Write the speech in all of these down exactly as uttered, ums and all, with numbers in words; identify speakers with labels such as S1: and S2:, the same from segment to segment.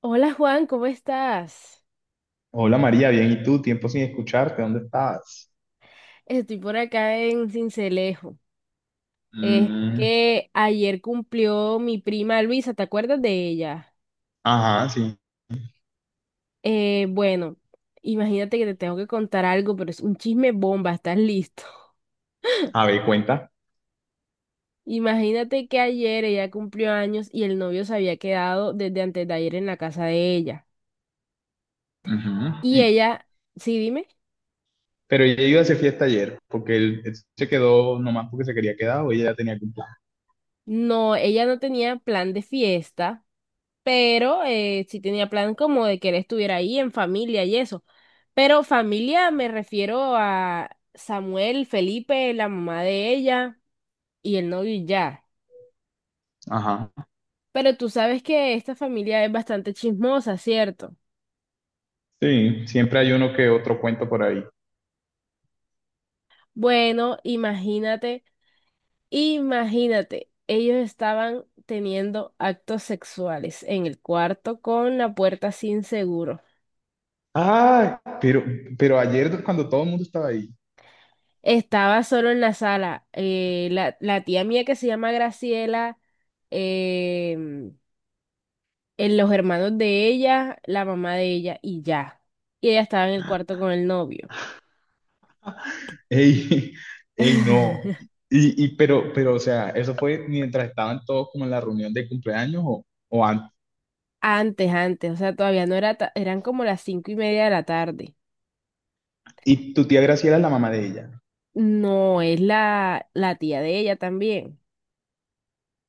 S1: Hola Juan, ¿cómo estás?
S2: Hola María, bien, ¿y tú? Tiempo sin escucharte, ¿dónde estabas?
S1: Estoy por acá en Cincelejo. Es
S2: Mm,
S1: que ayer cumplió mi prima Luisa, ¿te acuerdas de ella?
S2: ajá, sí.
S1: Eh, bueno, Imagínate que te tengo que contar algo, pero es un chisme bomba, ¿estás listo?
S2: A ver, cuenta.
S1: Imagínate que ayer ella cumplió años y el novio se había quedado desde antes de ayer en la casa de ella.
S2: Ujú.
S1: Y
S2: Y,
S1: ella, sí, dime,
S2: pero ella iba a hacer fiesta ayer, porque él, él se quedó nomás porque se quería quedar, o ella ya tenía algún...
S1: no, ella no tenía plan de fiesta. Pero eh, sí tenía plan como de que él estuviera ahí en familia y eso. Pero familia me refiero a Samuel, Felipe, la mamá de ella y el novio y ya.
S2: Ajá.
S1: Pero tú sabes que esta familia es bastante chismosa, ¿cierto?
S2: Sí, siempre hay uno que otro cuento por ahí.
S1: Bueno, imagínate, imagínate, ellos estaban teniendo actos sexuales en el cuarto con la puerta sin seguro.
S2: Ah, pero, pero ayer cuando todo el mundo estaba ahí...
S1: Estaba solo en la sala. Eh, la, la tía mía que se llama Graciela, em, en los hermanos de ella, la mamá de ella y ya. Y ella estaba en el cuarto con el novio.
S2: ey, ey, no. Y, y pero, pero, o sea, ¿eso fue mientras estaban todos como en la reunión de cumpleaños o, o antes?
S1: Antes, antes, o sea, todavía no era, ta- eran como las cinco y media de la tarde.
S2: Y tu tía Graciela es la mamá de ella,
S1: No, es la, la tía de ella también.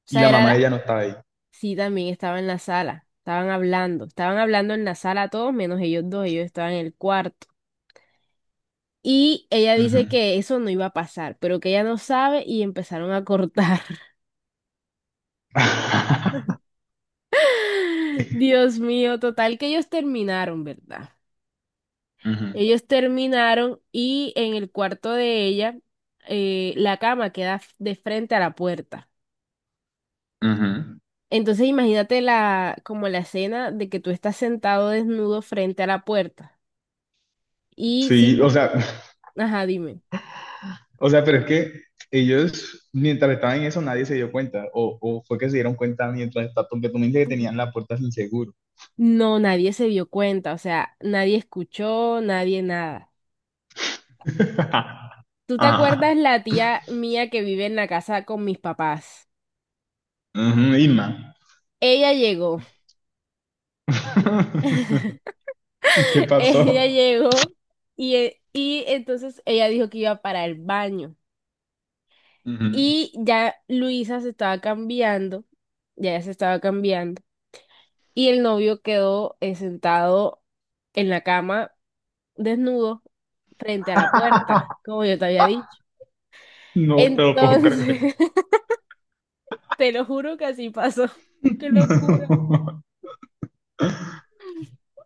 S1: O
S2: y
S1: sea,
S2: la
S1: era
S2: mamá de
S1: la-
S2: ella no estaba ahí.
S1: sí, también estaba en la sala. Estaban hablando, estaban hablando en la sala todos menos ellos dos, ellos estaban en el cuarto. Y ella
S2: Ujú.
S1: dice que eso no iba a pasar, pero que ella no sabe y empezaron a cortar. Dios mío, total que ellos terminaron, ¿verdad?
S2: Ujú,
S1: Ellos terminaron y en el cuarto de ella eh, la cama queda f- de frente a la puerta.
S2: ujú.
S1: Entonces imagínate la, como la escena de que tú estás sentado desnudo frente a la puerta. Y si,
S2: Sí, o sea,
S1: ajá, dime.
S2: o sea, pero es que ellos, mientras estaban en eso, nadie se dio cuenta, o, o fue que se dieron cuenta mientras estaban, porque tú me dijiste que tenían la puerta sin seguro.
S1: No, nadie se dio cuenta, o sea, nadie escuchó, nadie nada. ¿Tú te
S2: Ajá.
S1: acuerdas la tía mía que vive en la casa con mis papás?
S2: Ujú, Irma.
S1: Ella llegó,
S2: ¿Qué
S1: ella
S2: pasó?
S1: llegó y, e- y entonces ella dijo que iba para el baño.
S2: Ujú.
S1: Y ya Luisa se estaba cambiando, ya ella se estaba cambiando. Y el novio quedó eh, sentado en la cama, desnudo, frente a la puerta, como yo te había dicho.
S2: No te lo puedo creer.
S1: Entonces, te lo juro que así pasó. Qué locura.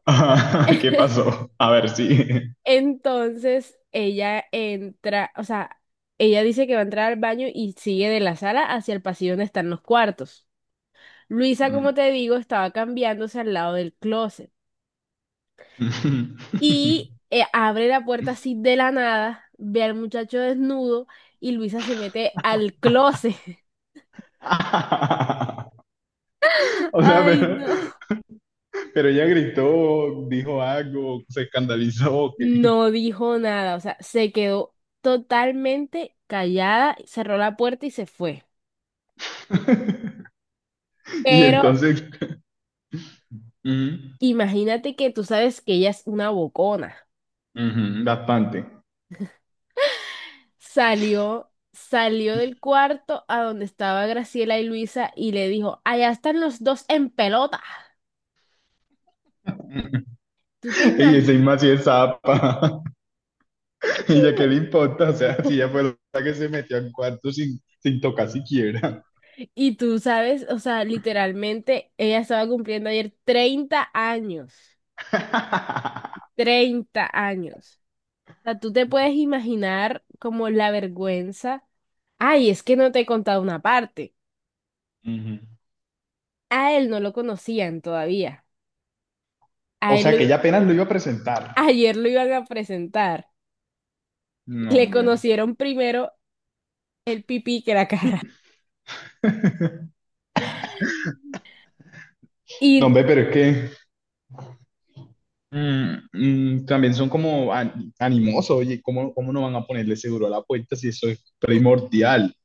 S2: Ah, ¿qué pasó? A ver, sí.
S1: Entonces ella entra, o sea, ella dice que va a entrar al baño y sigue de la sala hacia el pasillo donde están los cuartos. Luisa,
S2: Ujú.
S1: como te digo, estaba cambiándose al lado del closet y eh, abre la puerta así de la nada, ve al muchacho desnudo y Luisa se mete al closet.
S2: O sea,
S1: Ay,
S2: pero...
S1: no.
S2: Pero ella gritó, dijo algo, se escandalizó, que...
S1: No dijo nada, o sea, se quedó totalmente callada, cerró la puerta y se fue.
S2: Y
S1: Pero
S2: entonces, mm,
S1: imagínate que tú sabes que ella es una bocona.
S2: ujú, bastante.
S1: Salió, salió del cuarto a donde estaba Graciela y Luisa y le dijo, allá están los dos en pelota. ¿Tú te
S2: Y
S1: imaginas?
S2: encima si es zapa. Ella, ¿qué le importa? O sea, si ella fue la que se metió al cuarto sin, sin tocar siquiera.
S1: Y tú sabes, o sea, literalmente ella estaba cumpliendo ayer treinta años, treinta años. O sea, tú te puedes imaginar como la vergüenza. Ay, es que no te he contado una parte.
S2: Ujú.
S1: A él no lo conocían todavía. A
S2: O
S1: él
S2: sea,
S1: lo-
S2: que ella apenas lo iba a presentar.
S1: ayer lo iban a presentar y
S2: No,
S1: le
S2: hombre.
S1: conocieron primero el pipí que la cara.
S2: No,
S1: Y
S2: hombre, pero es que... mm, mm, también son como an- animosos. Oye, ¿cómo, ¿cómo no van a ponerle seguro a la puerta si eso es primordial?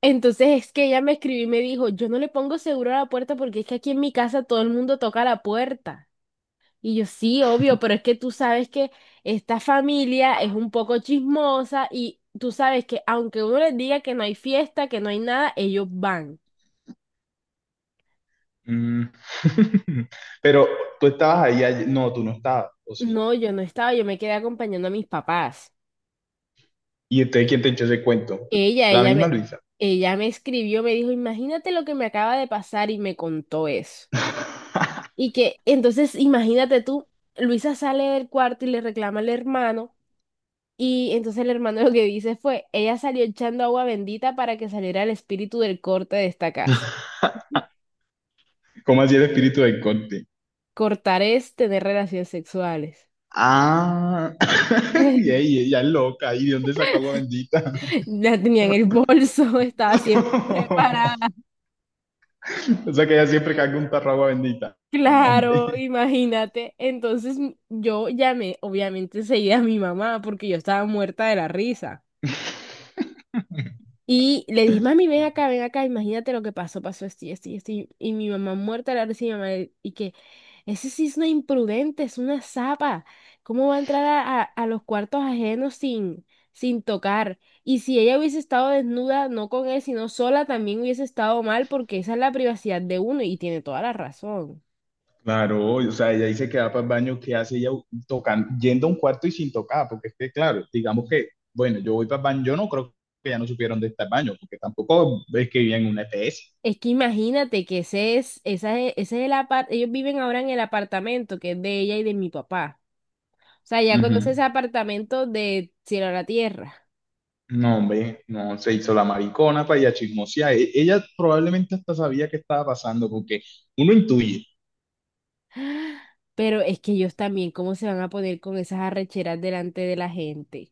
S1: entonces es que ella me escribió y me dijo, yo no le pongo seguro a la puerta porque es que aquí en mi casa todo el mundo toca la puerta. Y yo, sí, obvio, pero es que tú sabes que esta familia es un poco chismosa y tú sabes que aunque uno les diga que no hay fiesta, que no hay nada, ellos van.
S2: Mm. Pero tú estabas ahí, ayer- no, tú no estabas, ¿o sí?
S1: No, yo no estaba, yo me quedé acompañando a mis papás.
S2: ¿Y entonces quién te echó ese cuento?
S1: Ella,
S2: La
S1: ella
S2: misma
S1: me,
S2: Luisa.
S1: ella me escribió, me dijo, imagínate lo que me acaba de pasar y me contó eso. Y que entonces imagínate tú, Luisa sale del cuarto y le reclama al hermano y entonces el hermano lo que dice fue, ella salió echando agua bendita para que saliera el espíritu del corte de esta casa.
S2: ¿Cómo así el espíritu del Conte?
S1: Cortar es tener relaciones sexuales.
S2: Ah. Y ella, ella es loca, ¿y de dónde sacó agua bendita?
S1: La tenía en el bolso, estaba siempre preparada.
S2: O sea que ella siempre carga un tarro de agua bendita. No, hombre.
S1: Claro, imagínate. Entonces m- yo llamé, obviamente, enseguida a mi mamá porque yo estaba muerta de la risa. Y le dije, mami, ven acá, ven acá, imagínate lo que pasó, pasó esto y esto y esto. Y, y mi mamá muerta de la risa y mi mamá, y que ese sí es una imprudente, es una zapa. ¿Cómo va a entrar a, a- a los cuartos ajenos sin, sin tocar? Y si ella hubiese estado desnuda, no con él, sino sola, también hubiese estado mal, porque esa es la privacidad de uno y tiene toda la razón.
S2: Claro, o sea, ella dice que va para el baño, ¿qué hace ella tocando, yendo a un cuarto y sin tocar? Porque es que, claro, digamos que, bueno, yo voy para el baño. Yo no creo que ya no supieron dónde está el baño, porque tampoco es que vivían en una E P S.
S1: Es que imagínate que ese es, esa es- ese es el apart, ellos viven ahora en el apartamento que es de ella y de mi papá. O sea, ya conoces
S2: Ujú.
S1: apartamentos de cielo a la tierra.
S2: No, hombre, no, se hizo la maricona para ir a chismosear. E- Ella probablemente hasta sabía qué estaba pasando, porque uno intuye.
S1: Pero es que ellos también, ¿cómo se van a poner con esas arrecheras delante de la gente?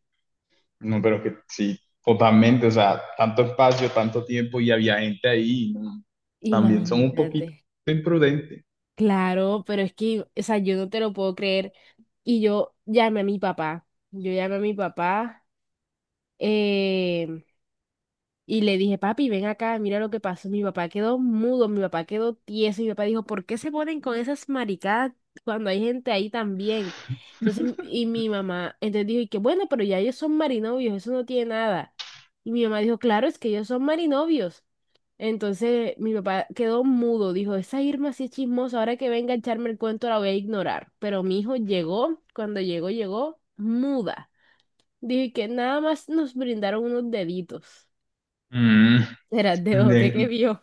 S2: No, pero que sí, totalmente, o sea, tanto espacio, tanto tiempo y había gente ahí. No, también son un
S1: Imagínate.
S2: poquito imprudentes.
S1: Claro, pero es que, o sea, yo no te lo puedo creer. Y yo llamé a mi papá. Yo llamé a mi papá. eh, Y le dije, papi, ven acá, mira lo que pasó. Mi papá quedó mudo, mi papá quedó tieso. Y mi papá dijo, ¿por qué se ponen con esas maricadas cuando hay gente ahí también? Entonces, y mi mamá, entonces dijo, y que bueno, pero ya ellos son marinovios, eso no tiene nada. Y mi mamá dijo, claro, es que ellos son marinovios. Entonces, mi papá quedó mudo, dijo, esa Irma sí es chismosa, ahora que venga a echarme el cuento la voy a ignorar. Pero mi hijo llegó, cuando llegó, llegó muda. Dije que nada más nos brindaron unos deditos.
S2: Mm,
S1: Era de bote que
S2: de,
S1: vio.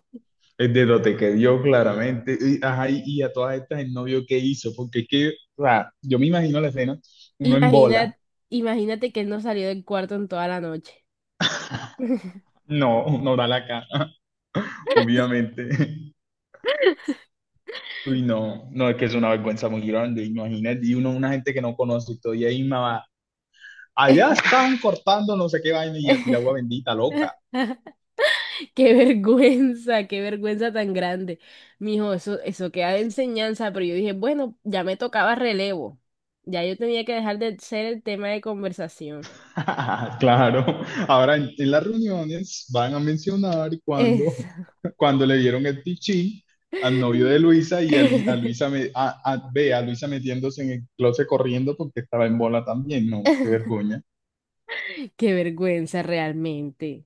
S2: de lo te que dio claramente. Y, ajá, y, y a todas estas, el novio qué hizo, porque es que, o sea, yo me imagino la escena, uno en
S1: Imagina,
S2: bola,
S1: imagínate que él no salió del cuarto en toda la noche.
S2: no, no da la cara, obviamente. Uy, no, no, es que es una vergüenza muy grande, imagínate, y uno, una gente que no conoce, y todavía ahí me va, allá estaban cortando no sé qué vaina y ya tira agua bendita, loca.
S1: Qué vergüenza, qué vergüenza tan grande. Mijo, eso, eso queda de enseñanza, pero yo dije, bueno, ya me tocaba relevo. Ya yo tenía que dejar de ser el tema de conversación.
S2: Claro, ahora en, en las reuniones van a mencionar
S1: Eso.
S2: cuando, cuando le dieron el pichín al novio de Luisa y a, Li- a Luisa, me, a, a- ve a Luisa metiéndose en el closet corriendo porque estaba en bola también. No, qué vergüenza.
S1: Qué vergüenza realmente.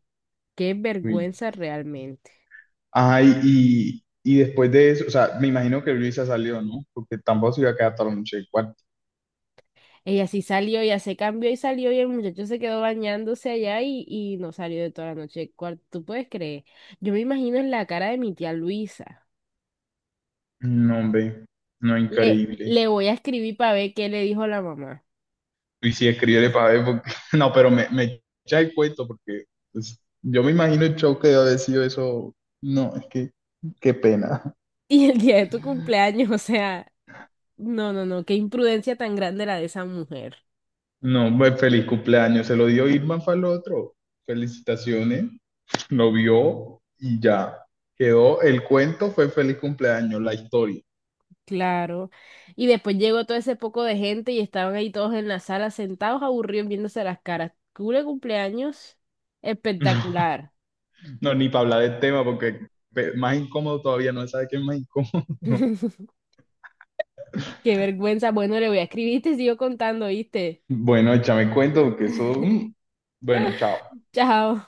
S1: Qué vergüenza realmente.
S2: Ajá, y, y, y después de eso, o sea, me imagino que Luisa salió, ¿no? Porque tampoco se iba a quedar toda la noche en el cuarto.
S1: Ella sí salió, ella se cambió y salió y el muchacho se quedó bañándose allá y, y no salió de toda la noche del cuarto. ¿Tú puedes creer? Yo me imagino en la cara de mi tía Luisa.
S2: No, hombre, no,
S1: Le,
S2: increíble.
S1: le voy a escribir para ver qué le dijo la mamá.
S2: Y sí, escríbele para ver, porque... No, pero me, me echa el cuento, porque pues, yo me imagino el show que debe haber sido eso. No, es que, qué pena.
S1: Y el día de tu cumpleaños, o sea, no, no, no, qué imprudencia tan grande la de esa mujer.
S2: No, pues feliz cumpleaños, se lo dio Irma para el otro. Felicitaciones, lo vio y ya. Quedó, el cuento fue feliz cumpleaños, la historia.
S1: Claro. Y después llegó todo ese poco de gente y estaban ahí todos en la sala sentados, aburridos, viéndose las caras. Cule cumpleaños espectacular.
S2: No, ni para hablar del tema, porque pe- más incómodo todavía, no se sabe qué es más incómodo.
S1: Qué vergüenza. Bueno, le voy a escribir y te sigo contando, ¿viste?
S2: Bueno, échame cuento, porque eso... mm. Bueno, chao.
S1: Chao.